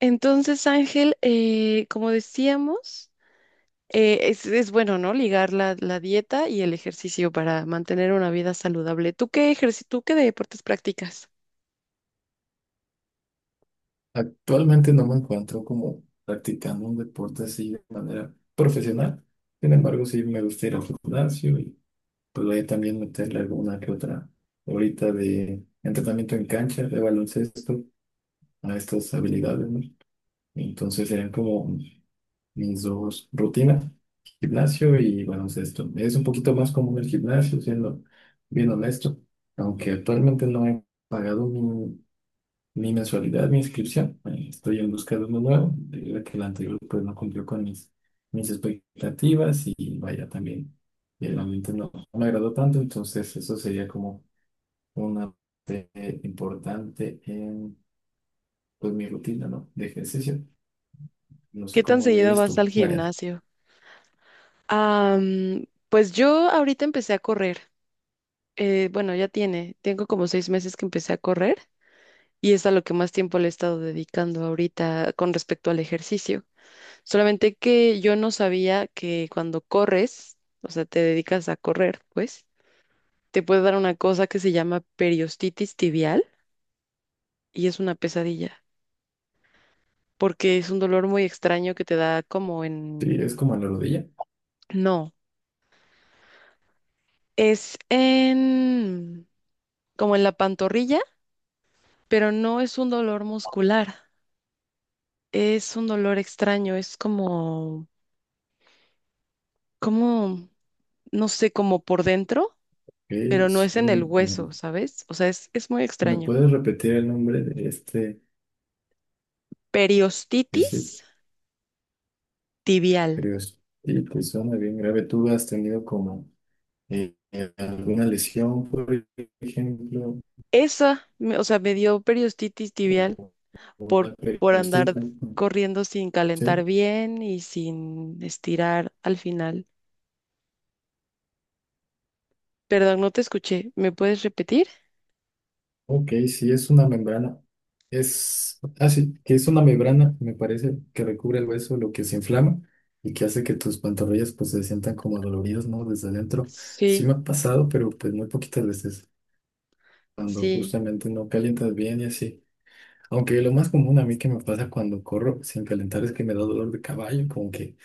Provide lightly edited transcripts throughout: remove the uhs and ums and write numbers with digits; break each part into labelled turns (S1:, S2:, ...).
S1: Entonces, Ángel, como decíamos, es bueno, ¿no? Ligar la dieta y el ejercicio para mantener una vida saludable. ¿Tú qué tú qué deportes practicas?
S2: Actualmente no me encuentro como practicando un deporte así de manera profesional. Sin embargo, sí me gusta ir al gimnasio y pues voy a también meterle alguna que otra ahorita de entrenamiento en cancha, de baloncesto, a estas habilidades, ¿no? Entonces serían como mis dos rutinas, gimnasio y baloncesto. Es un poquito más común el gimnasio, siendo bien honesto, aunque actualmente no he pagado mi mensualidad, mi inscripción. Estoy en busca de uno nuevo, debido a que el anterior pues no cumplió con mis expectativas y vaya también. El ambiente no me agradó tanto, entonces eso sería como una parte importante en pues, mi rutina, ¿no? De ejercicio. No
S1: ¿Qué
S2: sé
S1: tan
S2: cómo lo
S1: seguido
S2: lleves
S1: vas
S2: tú,
S1: al
S2: Mariana.
S1: gimnasio? Ah, mm, pues yo ahorita empecé a correr. Bueno, tengo como 6 meses que empecé a correr y es a lo que más tiempo le he estado dedicando ahorita con respecto al ejercicio. Solamente que yo no sabía que cuando corres, o sea, te dedicas a correr, pues te puede dar una cosa que se llama periostitis tibial y es una pesadilla, porque es un dolor muy extraño que te da como
S2: Sí, es
S1: en...
S2: como a la rodilla.
S1: No, es en... como en la pantorrilla, pero no es un dolor muscular, es un dolor extraño, es como... como... no sé, como por dentro,
S2: Ok,
S1: pero no
S2: sí.
S1: es en el hueso,
S2: Mm.
S1: ¿sabes? O sea, es muy
S2: ¿Me
S1: extraño.
S2: puedes repetir el nombre de este? Es
S1: Periostitis tibial.
S2: curioso. Sí, pues suena bien grave. ¿Tú has tenido como alguna lesión, por ejemplo,
S1: Esa, o sea, me dio periostitis tibial
S2: o una
S1: por, por andar
S2: periostita?
S1: corriendo sin
S2: Sí,
S1: calentar bien y sin estirar al final. Perdón, no te escuché. ¿Me puedes repetir?
S2: ok, sí, es una membrana. Es así, que es una membrana, me parece, que recubre el hueso, lo que se inflama y que hace que tus pantorrillas pues se sientan como doloridas, ¿no? Desde adentro. Sí
S1: Sí,
S2: me ha pasado, pero pues muy poquitas veces, cuando
S1: sí.
S2: justamente no calientas bien y así. Aunque lo más común a mí que me pasa cuando corro sin calentar es que me da dolor de caballo, como que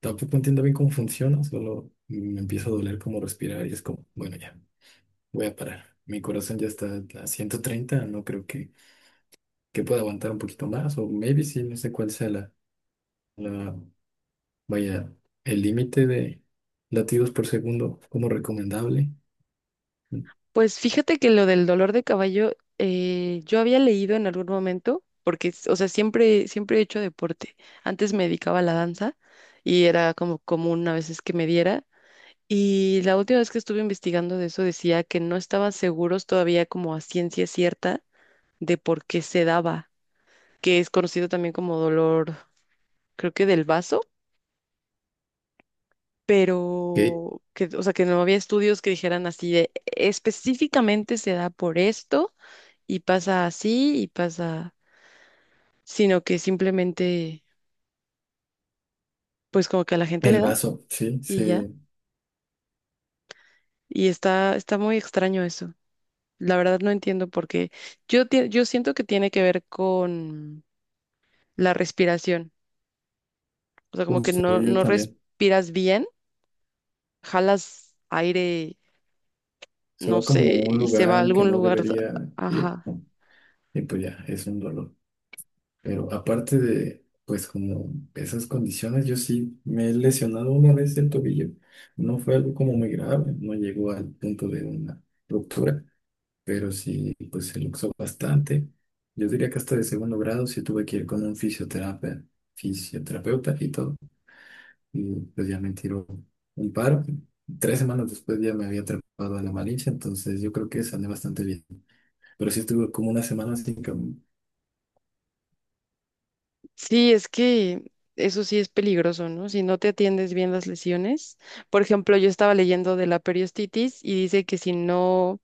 S2: tampoco entiendo bien cómo funciona, solo me empieza a doler como respirar y es como, bueno, ya, voy a parar. Mi corazón ya está a 130, no creo que pueda aguantar un poquito más, o maybe sí, no sé cuál sea la, la vaya, el límite de latidos por segundo como recomendable.
S1: Pues fíjate que lo del dolor de caballo, yo había leído en algún momento, porque, o sea, siempre he hecho deporte. Antes me dedicaba a la danza y era como común a veces que me diera. Y la última vez que estuve investigando de eso decía que no estaban seguros todavía como a ciencia cierta de por qué se daba. Que es conocido también como dolor, creo que del vaso,
S2: Que
S1: pero que, o sea, que no había estudios que dijeran así de específicamente se da por esto y pasa así y pasa, sino que simplemente, pues como que a la gente le
S2: el
S1: da
S2: vaso, sí,
S1: y ya.
S2: se
S1: Y está, está muy extraño eso. La verdad no entiendo por qué. Yo, yo siento que tiene que ver con la respiración. O sea, como que
S2: justo yo
S1: no
S2: también.
S1: respiras bien, jalas aire,
S2: Se
S1: no
S2: va como a
S1: sé,
S2: un
S1: y se va
S2: lugar
S1: a
S2: al que
S1: algún
S2: no
S1: lugar.
S2: debería ir,
S1: Ajá.
S2: ¿no? Y pues ya, es un dolor. Pero aparte de, pues como esas condiciones, yo sí me he lesionado una vez el tobillo. No fue algo como muy grave, no llegó al punto de una ruptura, pero sí, pues se luxó bastante. Yo diría que hasta de segundo grado sí tuve que ir con un fisioterapeuta y todo. Y pues ya me tiró un paro. Tres semanas después ya me había atrapado a la malicia, entonces yo creo que sané bastante bien. Pero sí estuve como una semana sin caminar.
S1: Sí, es que eso sí es peligroso, ¿no? Si no te atiendes bien las lesiones. Por ejemplo, yo estaba leyendo de la periostitis y dice que si no, o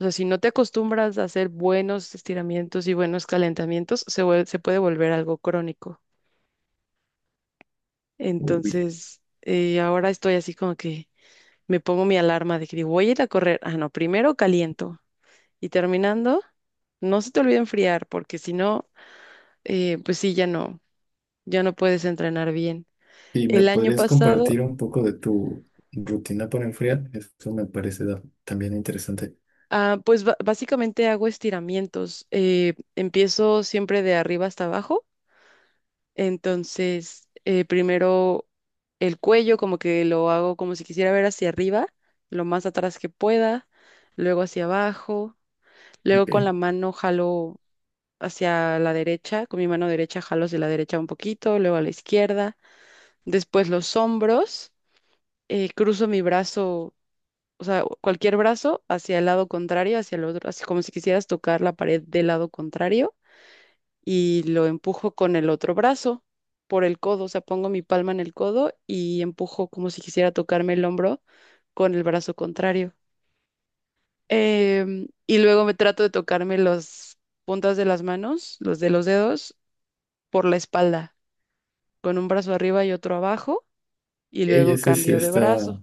S1: sea, si no te acostumbras a hacer buenos estiramientos y buenos calentamientos, se puede volver algo crónico. Entonces, ahora estoy así como que me pongo mi alarma de que digo, voy a ir a correr. Ah, no, primero caliento y terminando, no se te olvide enfriar, porque si no, pues sí, ya no. Ya no puedes entrenar bien.
S2: ¿Y me
S1: El año
S2: podrías
S1: pasado,
S2: compartir un poco de tu rutina para enfriar? Eso me parece da- también interesante.
S1: ah, pues básicamente hago estiramientos. Empiezo siempre de arriba hasta abajo. Entonces, primero el cuello, como que lo hago como si quisiera ver hacia arriba, lo más atrás que pueda, luego hacia abajo, luego con la
S2: Ok.
S1: mano jalo hacia la derecha, con mi mano derecha jalo hacia la derecha un poquito, luego a la izquierda, después los hombros, cruzo mi brazo, o sea, cualquier brazo hacia el lado contrario, hacia el otro, así como si quisieras tocar la pared del lado contrario y lo empujo con el otro brazo por el codo, o sea, pongo mi palma en el codo y empujo como si quisiera tocarme el hombro con el brazo contrario. Y luego me trato de tocarme las puntas de las manos, los de los dedos, por la espalda, con un brazo arriba y otro abajo, y
S2: Ey,
S1: luego
S2: ese sí
S1: cambio de
S2: está
S1: brazo.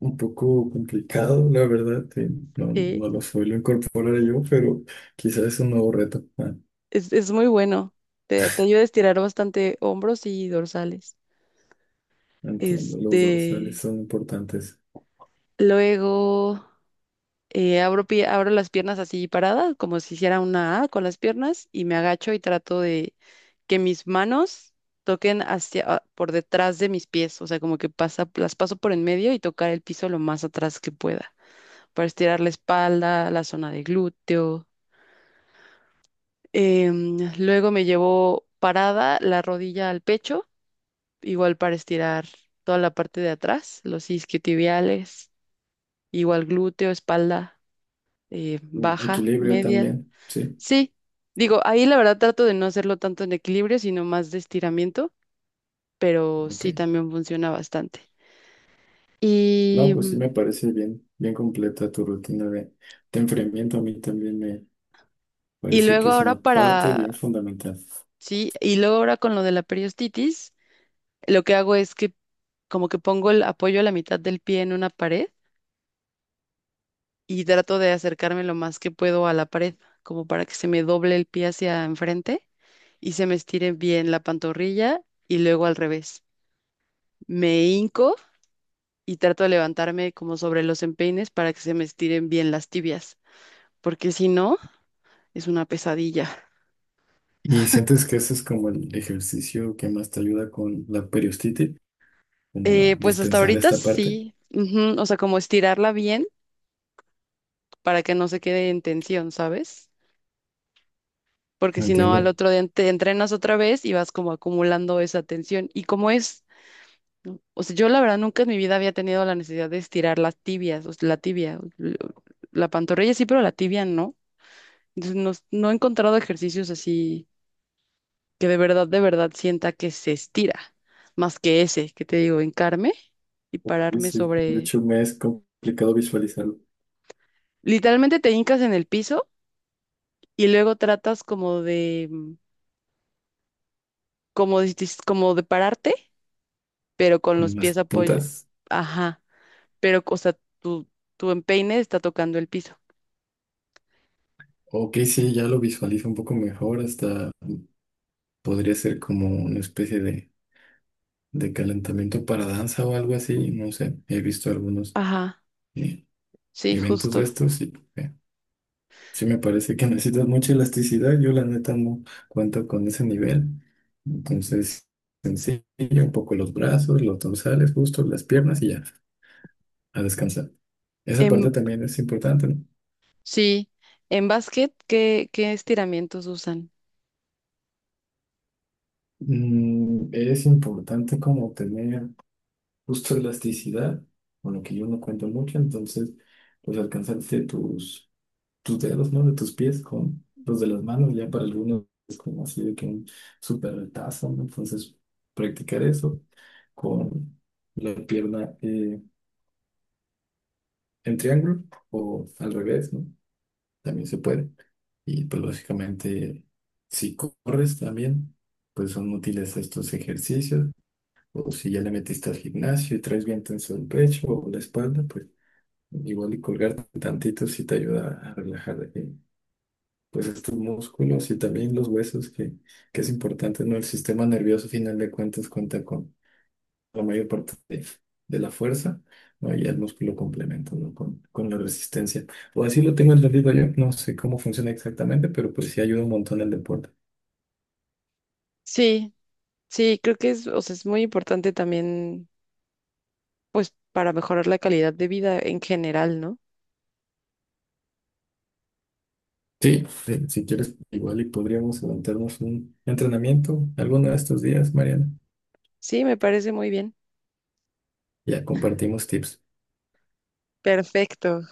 S2: un poco complicado, la verdad. Sí. No,
S1: Sí.
S2: no lo suelo incorporar yo, pero quizás es un nuevo reto. Ah,
S1: Es muy bueno. Te ayuda a estirar bastante hombros y dorsales.
S2: entiendo, los dorsales
S1: Este,
S2: son importantes.
S1: luego abro, abro las piernas así paradas, como si hiciera una A con las piernas, y me agacho y trato de que mis manos toquen hacia, ah, por detrás de mis pies. O sea, como que pasa, las paso por en medio y tocar el piso lo más atrás que pueda, para estirar la espalda, la zona de glúteo. Luego me llevo parada la rodilla al pecho igual para estirar toda la parte de atrás, los isquiotibiales, igual glúteo, espalda,
S2: Mm,
S1: baja,
S2: equilibrio
S1: media.
S2: también, sí.
S1: Sí, digo, ahí la verdad trato de no hacerlo tanto en equilibrio, sino más de estiramiento, pero
S2: Ok.
S1: sí también funciona bastante.
S2: No,
S1: Y,
S2: pues sí
S1: mm,
S2: me parece bien, bien completa tu rutina de enfriamiento. A mí también me
S1: y
S2: parece que
S1: luego
S2: es
S1: ahora
S2: una parte
S1: para,
S2: bien fundamental.
S1: sí, y luego ahora con lo de la periostitis, lo que hago es que como que pongo el apoyo a la mitad del pie en una pared y trato de acercarme lo más que puedo a la pared, como para que se me doble el pie hacia enfrente y se me estire bien la pantorrilla y luego al revés. Me hinco y trato de levantarme como sobre los empeines para que se me estiren bien las tibias, porque si no, es una pesadilla.
S2: ¿Y sientes que ese es como el ejercicio que más te ayuda con la periostitis, como a
S1: Pues hasta
S2: destensar
S1: ahorita
S2: esta parte?
S1: sí, ujú. O sea, como estirarla bien para que no se quede en tensión, ¿sabes? Porque
S2: No
S1: si no, al
S2: entiendo.
S1: otro día te entrenas otra vez y vas como acumulando esa tensión. Y como es, ¿no? O sea, yo la verdad nunca en mi vida había tenido la necesidad de estirar las tibias, o sea, la tibia, la pantorrilla sí, pero la tibia no. Entonces no, no he encontrado ejercicios así que de verdad sienta que se estira, más que ese, que te digo, hincarme y
S2: Sí,
S1: pararme
S2: sí. De
S1: sobre...
S2: hecho, me es complicado visualizarlo
S1: Literalmente te hincas en el piso y luego tratas como de, mm, como de pararte, pero con
S2: con
S1: los
S2: las
S1: pies apoyo.
S2: puntas.
S1: Ajá, pero, o sea, tu empeine está tocando el piso.
S2: Ok, sí, ya lo visualizo un poco mejor, hasta podría ser como una especie de calentamiento para danza o algo así, no sé. He visto algunos
S1: Ajá,
S2: eh,
S1: sí,
S2: eventos de
S1: justo.
S2: estos y... sí, me parece que necesitas mucha elasticidad. Yo la neta no cuento con ese nivel. Entonces, sencillo, un poco los brazos, los dorsales, justo las piernas y ya, a descansar. Esa
S1: En,
S2: parte también es importante, ¿no?
S1: sí, en básquet, ¿qué, qué estiramientos usan?
S2: Mm, es importante como tener justo elasticidad, con lo que yo no cuento mucho. Entonces, pues alcanzarte tus dedos, ¿no? De tus pies con los de las manos, ya para algunos es como así de que un súper retazo, ¿no? Entonces, practicar eso con la pierna en triángulo o al revés, ¿no? También se puede. Y pues lógicamente, si corres también, pues son útiles estos ejercicios. O si ya le metiste al gimnasio y traes bien tenso el pecho o la espalda, pues igual y colgarte tantito si te ayuda a relajar pues estos músculos y también los huesos, que es importante, ¿no? El sistema nervioso, a final de cuentas, cuenta con la mayor parte de la fuerza, ¿no? Y el músculo complementa, ¿no? Con la resistencia. O así lo tengo entendido yo, no sé cómo funciona exactamente, pero pues sí ayuda un montón el deporte.
S1: Sí, sí, creo que es, o sea, es muy importante también, pues, para mejorar la calidad de vida en general, ¿no?
S2: Sí, sí, si quieres, igual y podríamos levantarnos un entrenamiento alguno de estos días, Mariana.
S1: Sí, me parece muy bien.
S2: Ya compartimos tips.
S1: Perfecto.